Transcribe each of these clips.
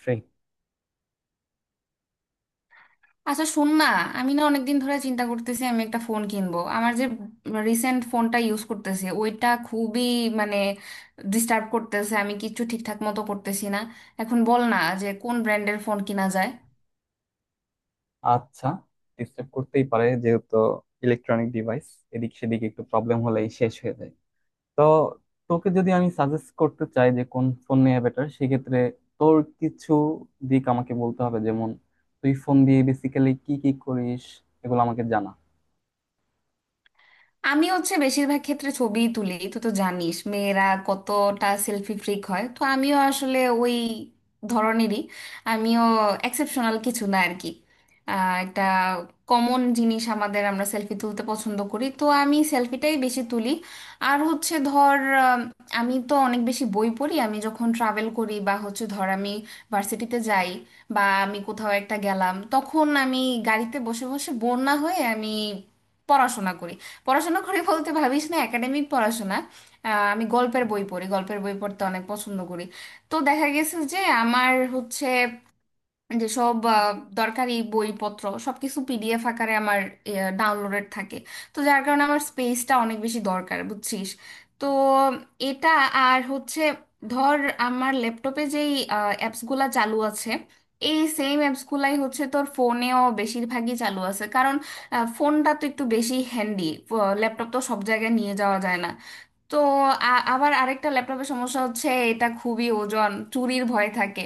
Free. আচ্ছা, শোন না। আমি না অনেকদিন ধরে চিন্তা করতেছি, আমি একটা ফোন কিনবো। আমার যে রিসেন্ট ফোনটা ইউজ করতেছি ওইটা খুবই, মানে, ডিস্টার্ব করতেছে, আমি কিচ্ছু ঠিকঠাক মতো করতেছি না। এখন বল না যে কোন ব্র্যান্ডের ফোন কিনা যায়। আচ্ছা, ডিস্টার্ব করতেই পারে, যেহেতু ইলেকট্রনিক ডিভাইস। এদিক সেদিক একটু প্রবলেম হলেই শেষ হয়ে যায়। তো তোকে যদি আমি সাজেস্ট করতে চাই যে কোন ফোন নেওয়া বেটার, সেক্ষেত্রে তোর কিছু দিক আমাকে বলতে হবে, যেমন তুই ফোন দিয়ে বেসিক্যালি কি কি করিস, এগুলো আমাকে জানা। আমি হচ্ছে বেশিরভাগ ক্ষেত্রে ছবি তুলি। তুই তো জানিস মেয়েরা কতটা সেলফি ফ্রিক হয়, তো আমিও আসলে ওই ধরনেরই। আমিও এক্সেপশনাল কিছু না আর কি। একটা কমন জিনিস আমাদের, আমরা সেলফি তুলতে পছন্দ করি, তো আমি সেলফিটাই বেশি তুলি। আর হচ্ছে ধর, আম, আমি তো অনেক বেশি বই পড়ি। আমি যখন ট্রাভেল করি বা হচ্ছে ধর আমি ভার্সিটিতে যাই, বা আমি কোথাও একটা গেলাম, তখন আমি গাড়িতে বসে বসে বোর না হয়ে আমি পড়াশোনা করি। পড়াশোনা করে বলতে ভাবিস না একাডেমিক পড়াশোনা। আমি গল্পের বই পড়ি, গল্পের বই পড়তে অনেক পছন্দ করি। তো দেখা গেছে যে আমার হচ্ছে যে সব দরকারি বইপত্র সবকিছু পিডিএফ আকারে আমার ডাউনলোডেড থাকে। তো যার কারণে আমার স্পেসটা অনেক বেশি দরকার, বুঝছিস। তো এটা। আর হচ্ছে ধর, আমার ল্যাপটপে যেই অ্যাপসগুলা চালু আছে, এই সেম অ্যাপসগুলাই হচ্ছে তোর ফোনেও বেশিরভাগই চালু আছে, কারণ ফোনটা তো একটু বেশি হ্যান্ডি। ল্যাপটপ তো সব জায়গায় নিয়ে যাওয়া যায় না। তো আবার আরেকটা ল্যাপটপের সমস্যা হচ্ছে, এটা খুবই ওজন, চুরির ভয় থাকে।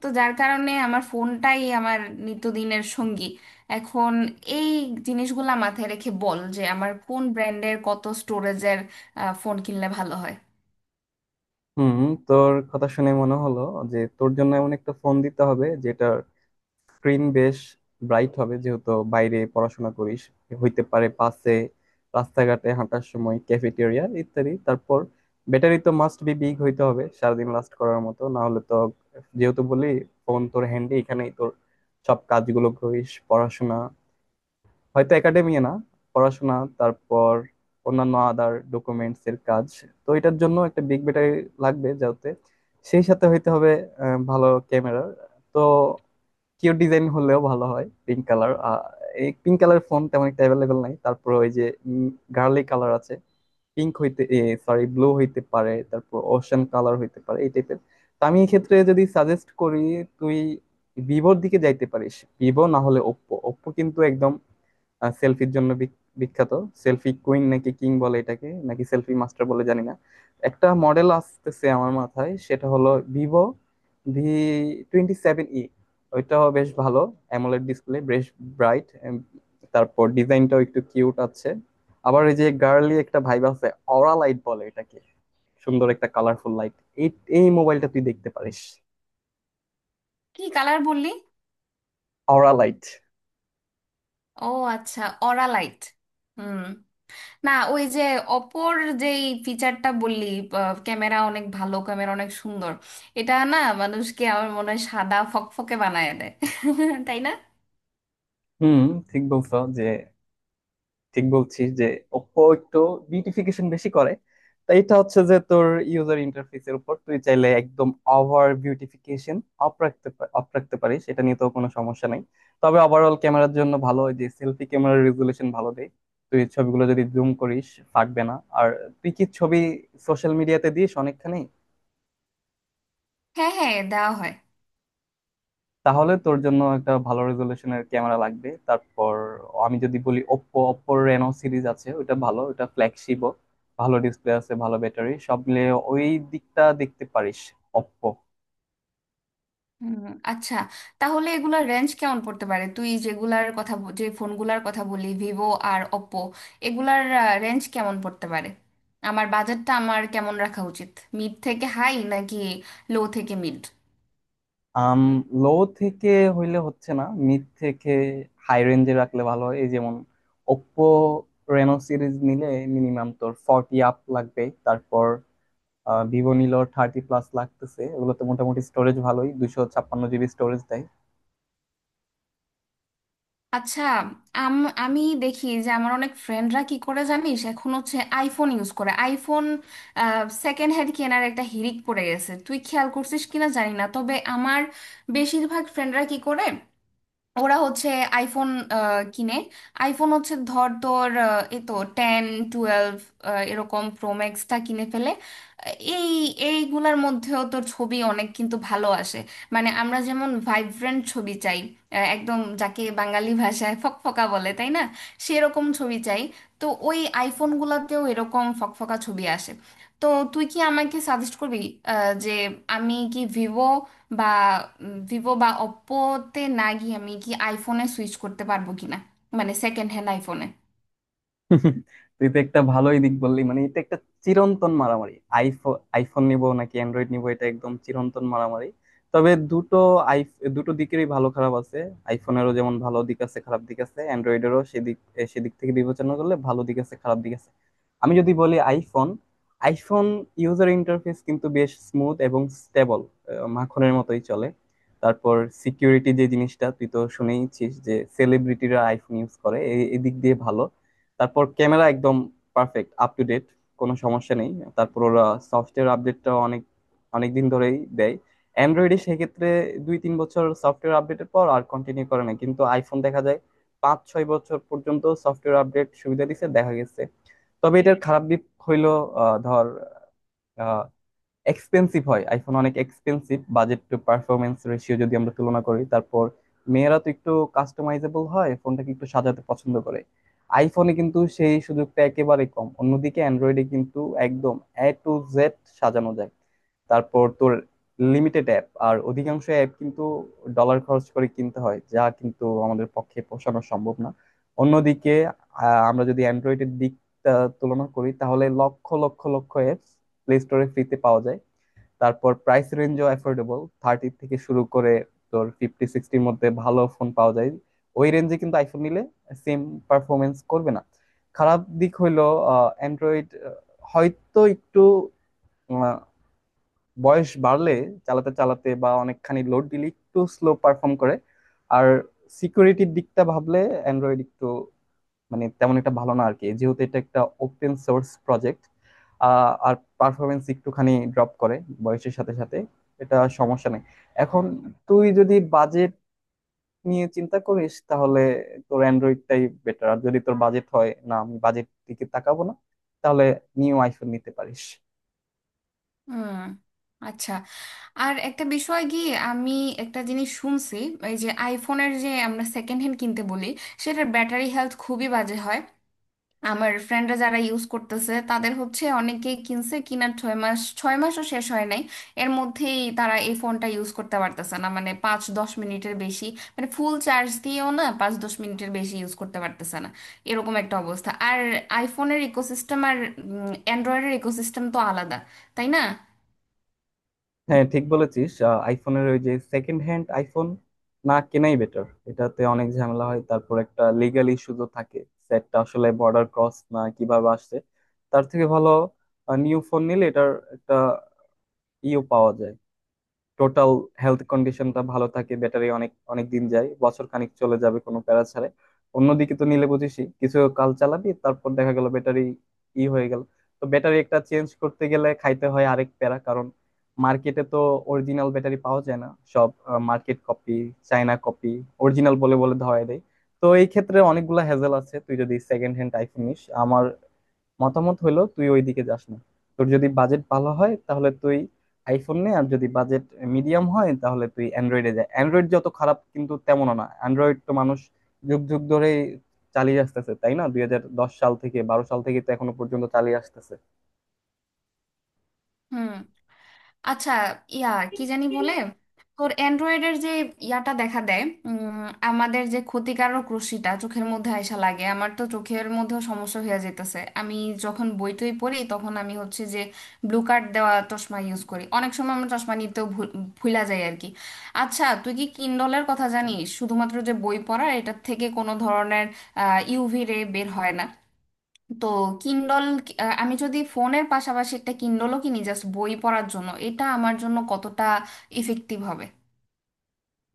তো যার কারণে আমার ফোনটাই আমার নিত্যদিনের সঙ্গী। এখন এই জিনিসগুলা মাথায় রেখে বল যে আমার কোন ব্র্যান্ডের, কত স্টোরেজের ফোন কিনলে ভালো হয়। হুম, তোর কথা শুনে মনে হলো যে তোর জন্য এমন একটা ফোন দিতে হবে যেটার স্ক্রিন বেশ ব্রাইট হবে, যেহেতু বাইরে পড়াশোনা করিস, হইতে পারে পাশে রাস্তাঘাটে হাঁটার সময়, ক্যাফেটেরিয়া ইত্যাদি। তারপর ব্যাটারি তো মাস্ট বি বিগ হইতে হবে, সারাদিন লাস্ট করার মতো, না হলে তো। যেহেতু বলি ফোন তোর হ্যান্ডে, এখানেই তোর সব কাজগুলো করিস, পড়াশোনা, হয়তো একাডেমি না, পড়াশোনা, তারপর অন্যান্য আদার ডকুমেন্টস এর কাজ। তো এটার জন্য একটা বিগ ব্যাটারি লাগবে, যাতে সেই সাথে হইতে হবে ভালো ক্যামেরা। তো কিউ ডিজাইন হলেও ভালো হয়, পিঙ্ক কালার। এই পিঙ্ক কালার ফোন তেমন একটা অ্যাভেলেবেল নাই, তারপর ওই যে গার্লি কালার আছে, পিঙ্ক হইতে, সরি ব্লু হইতে পারে, তারপর ওশান কালার হইতে পারে এই টাইপের। তো আমি এক্ষেত্রে যদি সাজেস্ট করি, তুই ভিভোর দিকে যাইতে পারিস। ভিভো না হলে ওপ্পো। ওপ্পো কিন্তু একদম সেলফির জন্য বিখ্যাত। সেলফি কুইন নাকি কিং বলে এটাকে, নাকি সেলফি মাস্টার বলে জানি না। একটা মডেল আসতেছে আমার মাথায়, সেটা হলো ভিভো V27e। ওইটাও বেশ ভালো, অ্যামোলেড ডিসপ্লে বেশ ব্রাইট, তারপর ডিজাইনটাও একটু কিউট আছে, আবার ওই যে গার্লি একটা ভাইব আছে, অরা লাইট বলে এটাকে, সুন্দর একটা কালারফুল লাইট। এই এই মোবাইলটা তুই দেখতে পারিস, কি কালার বললি? অরা লাইট। ও, আচ্ছা, অরা লাইট। হুম। না, ওই যে অপোর যেই ফিচারটা বললি, ক্যামেরা অনেক ভালো, ক্যামেরা অনেক সুন্দর। এটা না মানুষকে আমার মনে হয় সাদা ফকফকে বানায় দেয়। তাই না? হুম, ঠিক বলছো যে ঠিক বলছিস যে ওপো একটু বিউটিফিকেশন বেশি করে। তাই এটা হচ্ছে যে তোর ইউজার ইন্টারফেসের উপর তুই চাইলে একদম ওভার বিউটিফিকেশন off রাখতে পারিস, এটা নিয়ে তো কোনো সমস্যা নাই। তবে ওভারঅল ক্যামেরার জন্য ভালো, ওই যে সেলফি ক্যামেরার রেজুলেশন ভালো দেয়। তুই ছবিগুলো যদি জুম করিস, ফাটবে না। আর তুই কি ছবি সোশ্যাল মিডিয়াতে দিস অনেকখানি? হ্যাঁ, হ্যাঁ, দেওয়া হয়। তাহলে তোর জন্য একটা ভালো রেজলিউশনের ক্যামেরা লাগবে। তারপর আমি যদি বলি ওপ্পো, ওপ্পোর রেনো সিরিজ আছে, ওটা ভালো, ওটা ফ্ল্যাগশিপও, ভালো ডিসপ্লে আছে, ভালো ব্যাটারি, সব মিলে ওই দিকটা দেখতে পারিস, ওপ্পো। হুম, আচ্ছা। তাহলে এগুলার রেঞ্জ কেমন পড়তে পারে? তুই যেগুলার কথা যে ফোনগুলার কথা বলি, ভিভো আর ওপ্পো, এগুলার রেঞ্জ কেমন পড়তে পারে? আমার বাজেটটা আমার কেমন রাখা উচিত? মিড থেকে হাই, নাকি লো থেকে মিড? আম লো থেকে হইলে হচ্ছে না, মিড থেকে হাই রেঞ্জে রাখলে ভালো হয়, এই যেমন ওপ্পো রেনো সিরিজ নিলে মিনিমাম তোর ফর্টি আপ লাগবে, তারপর ভিভো নিলো থার্টি প্লাস লাগতেছে। ওগুলোতে মোটামুটি স্টোরেজ ভালোই, 256 জিবি স্টোরেজ দেয়। আচ্ছা। আম আমি দেখি যে আমার অনেক ফ্রেন্ডরা কি করে জানিস, এখন হচ্ছে আইফোন ইউজ করে। আইফোন সেকেন্ড হ্যান্ড কেনার একটা হিড়িক পড়ে গেছে, তুই খেয়াল করছিস কিনা জানি না। তবে আমার বেশিরভাগ ফ্রেন্ডরা কি করে, ওরা হচ্ছে আইফোন কিনে। আইফোন হচ্ছে ধর তোর এ তো টেন, টুয়েলভ, এরকম প্রোম্যাক্সটা কিনে ফেলে। আহ, এই এইগুলার মধ্যেও তোর ছবি অনেক কিন্তু ভালো আসে। মানে আমরা যেমন ভাইব্রেন্ট ছবি চাই, একদম যাকে বাঙালি ভাষায় ফকফকা বলে, তাই না? সেরকম ছবি চাই। তো ওই আইফোন গুলাতেও এরকম ফকফকা ছবি আসে। তো তুই কি আমাকে সাজেস্ট করবি যে আমি কি ভিভো বা, ওপ্পোতে না গিয়ে আমি কি আইফোনে সুইচ করতে পারবো কিনা? মানে সেকেন্ড হ্যান্ড আইফোনে? তুই তো একটা ভালোই দিক বললি, মানে এটা একটা চিরন্তন মারামারি, আইফোন আইফোন নিব নাকি অ্যান্ড্রয়েড নিব, এটা একদম চিরন্তন মারামারি। তবে আই দুটো দিকেরই ভালো খারাপ আছে। আইফোনেরও যেমন ভালো দিক আছে, খারাপ দিক আছে, অ্যান্ড্রয়েডেরও সেদিক থেকে বিবেচনা করলে ভালো দিক আছে, খারাপ দিক আছে। আমি যদি বলি আইফোন। আইফোন ইউজার ইন্টারফেস কিন্তু বেশ স্মুথ এবং স্টেবল, মাখনের মতোই চলে। তারপর সিকিউরিটি, যে জিনিসটা তুই তো শুনেইছিস যে সেলিব্রিটিরা আইফোন ইউজ করে, এই এই দিক দিয়ে ভালো। তারপর ক্যামেরা একদম পারফেক্ট, আপ টু ডেট, কোনো সমস্যা নেই। তারপর ওরা সফটওয়্যার আপডেটটা অনেক অনেক দিন ধরেই দেয়। অ্যান্ড্রয়েডে সেক্ষেত্রে 2-3 বছর সফটওয়্যার আপডেটের পর আর কন্টিনিউ করে না, কিন্তু আইফোন দেখা যায় 5-6 বছর পর্যন্ত সফটওয়্যার আপডেট সুবিধা দিচ্ছে, দেখা গেছে। তবে এটার খারাপ দিক হইলো, ধর, এক্সপেন্সিভ হয়, আইফোন অনেক expensive, budget to performance ratio যদি আমরা তুলনা করি। তারপর মেয়েরা তো একটু কাস্টমাইজেবল হয়, ফোনটাকে একটু সাজাতে পছন্দ করে, আইফোনে কিন্তু সেই সুযোগটা একেবারে কম, অন্যদিকে অ্যান্ড্রয়েডে কিন্তু একদম A to Z সাজানো যায়। তারপর তোর লিমিটেড অ্যাপ, আর অধিকাংশ অ্যাপ কিন্তু ডলার খরচ করে কিনতে হয়, যা কিন্তু আমাদের পক্ষে পোষানো সম্ভব না। অন্যদিকে আমরা যদি অ্যান্ড্রয়েডের দিকটা তুলনা করি, তাহলে লক্ষ লক্ষ লক্ষ অ্যাপস প্লে স্টোরে ফ্রিতে পাওয়া যায়। তারপর প্রাইস রেঞ্জও অ্যাফোর্ডেবল, থার্টি থেকে শুরু করে তোর ফিফটি সিক্সটির মধ্যে ভালো ফোন পাওয়া যায়। ওই রেঞ্জে কিন্তু আইফোন নিলে সেম পারফরমেন্স করবে না। খারাপ দিক হইলো, অ্যান্ড্রয়েড হয়তো একটু আহ, বয়স বাড়লে, চালাতে চালাতে বা অনেকখানি লোড দিলে একটু স্লো পারফর্ম করে। আর সিকিউরিটির দিকটা ভাবলে অ্যান্ড্রয়েড একটু, মানে তেমন একটা ভালো না আর কি, যেহেতু এটা একটা ওপেন সোর্স প্রজেক্ট। আর পারফরমেন্স একটুখানি ড্রপ করে বয়সের সাথে সাথে, এটা সমস্যা নেই। এখন তুই যদি বাজেট নিয়ে চিন্তা করিস তাহলে তোর অ্যান্ড্রয়েডটাই বেটার, আর যদি তোর বাজেট হয়, না আমি বাজেট দিকে তাকাবো না, তাহলে নিউ আইফোন নিতে পারিস। হুম, আচ্ছা। আর একটা বিষয় কি, আমি একটা জিনিস শুনছি। এই যে আইফোনের যে আমরা সেকেন্ড হ্যান্ড কিনতে বলি, সেটার ব্যাটারি হেলথ খুবই বাজে হয়। আমার ফ্রেন্ডরা যারা ইউজ করতেছে তাদের হচ্ছে অনেকেই কিনছে, কিনার 6 মাস, ছয় মাসও শেষ হয় নাই, এর মধ্যেই তারা এই ফোনটা ইউজ করতে পারতেছে না, মানে 5-10 মিনিটের বেশি। মানে ফুল চার্জ দিয়েও না, 5-10 মিনিটের বেশি ইউজ করতে পারতেছে না। এরকম একটা অবস্থা। আর আইফোনের ইকোসিস্টেম আর অ্যান্ড্রয়েডের ইকোসিস্টেম তো আলাদা, তাই না? হ্যাঁ, ঠিক বলেছিস, আইফোনের ওই যে সেকেন্ড হ্যান্ড আইফোন না কেনাই বেটার, এটাতে অনেক ঝামেলা হয়, তারপর একটা লিগাল ইস্যু তো থাকে, সেটটা আসলে বর্ডার ক্রস না কিভাবে আসছে। তার থেকে ভালো নিউ ফোন নিলে এটার একটা ইও পাওয়া যায়, টোটাল হেলথ কন্ডিশনটা ভালো থাকে, ব্যাটারি অনেক অনেক দিন যায়, বছর খানিক চলে যাবে কোনো প্যারা ছাড়াই। অন্যদিকে তো নিলে বুঝিসই, কিছু কাল চালাবি তারপর দেখা গেল ব্যাটারি ই হয়ে গেল। তো ব্যাটারি একটা চেঞ্জ করতে গেলে খাইতে হয় আরেক প্যারা, কারণ মার্কেটে তো অরিজিনাল ব্যাটারি পাওয়া যায় না, সব market copy, China copy, original বলে বলে ধরায় দেয়। তো এই ক্ষেত্রে অনেকগুলা হ্যাজেল আছে, তুই যদি সেকেন্ড হ্যান্ড আইফোন নিস। আমার মতামত হলো, তুই ওইদিকে যাস না। তোর যদি বাজেট ভালো হয় তাহলে তুই আইফোন নে, আর যদি বাজেট মিডিয়াম হয় তাহলে তুই অ্যান্ড্রয়েডে যা। অ্যান্ড্রয়েড যত খারাপ কিন্তু তেমনও না, অ্যান্ড্রয়েড তো মানুষ যুগ যুগ ধরে চালিয়ে আসতেছে, তাই না? 2010 সাল থেকে, বারো সাল থেকে তো এখনো পর্যন্ত চালিয়ে আসতেছে। হুম, আচ্ছা। ইয়া, কি জানি বলে, তোর অ্যান্ড্রয়েডের যে ইয়াটা দেখা দেয়, আমাদের যে ক্ষতিকারক রশ্মিটা চোখের মধ্যে আয়সা লাগে, আমার তো চোখের মধ্যেও সমস্যা হয়ে যেতেছে। আমি যখন বই টই পড়ি তখন আমি হচ্ছে যে ব্লু কার্ড দেওয়া চশমা ইউজ করি। অনেক সময় আমার চশমা নিতেও ভুলা যায় আর কি। আচ্ছা, তুই কি কিন্ডলের কথা জানিস? শুধুমাত্র যে বই পড়া, এটার থেকে কোনো ধরনের ইউভি রে বের হয় না। তো কিন্ডল, আমি যদি ফোনের পাশাপাশি একটা কিন্ডলও কিনি জাস্ট বই পড়ার জন্য, এটা আমার জন্য কতটা ইফেক্টিভ হবে?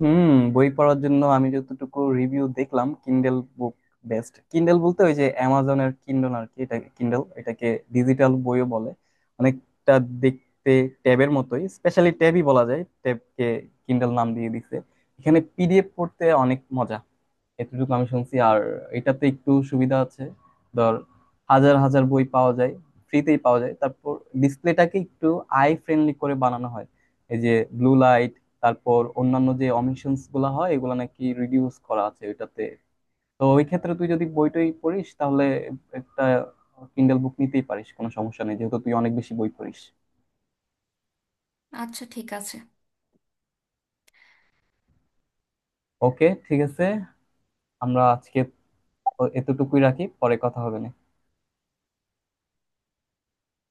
হুম, বই পড়ার জন্য আমি যতটুকু রিভিউ দেখলাম, কিন্ডেল বুক বেস্ট। কিন্ডেল বলতে ওই যে অ্যামাজনের কিন্ডল আর কি, এটা কিন্ডল, এটাকে ডিজিটাল বইও বলে, অনেকটা দেখতে ট্যাবের মতোই, স্পেশালি ট্যাবই বলা যায়, ট্যাবকে কিন্ডল নাম দিয়ে দিছে। এখানে পিডিএফ পড়তে অনেক মজা, এতটুকু আমি শুনছি। আর এটাতে একটু সুবিধা আছে, ধর হাজার হাজার বই পাওয়া যায়, ফ্রিতেই পাওয়া যায়। তারপর ডিসপ্লেটাকে একটু আই ফ্রেন্ডলি করে বানানো হয়, এই যে ব্লু লাইট তারপর অন্যান্য যে অমিশনস গুলা হয় এগুলা নাকি রিডিউস করা আছে ওইটাতে। তো ওই ক্ষেত্রে তুই যদি বইটই পড়িস তাহলে একটা কিন্ডেল বুক নিতেই পারিস, কোনো সমস্যা নেই, যেহেতু তুই অনেক বেশি বই পড়িস। আচ্ছা, ঠিক আছে। ওকে, ঠিক আছে। আমরা আজকে এতটুকুই রাখি, পরে কথা হবে না।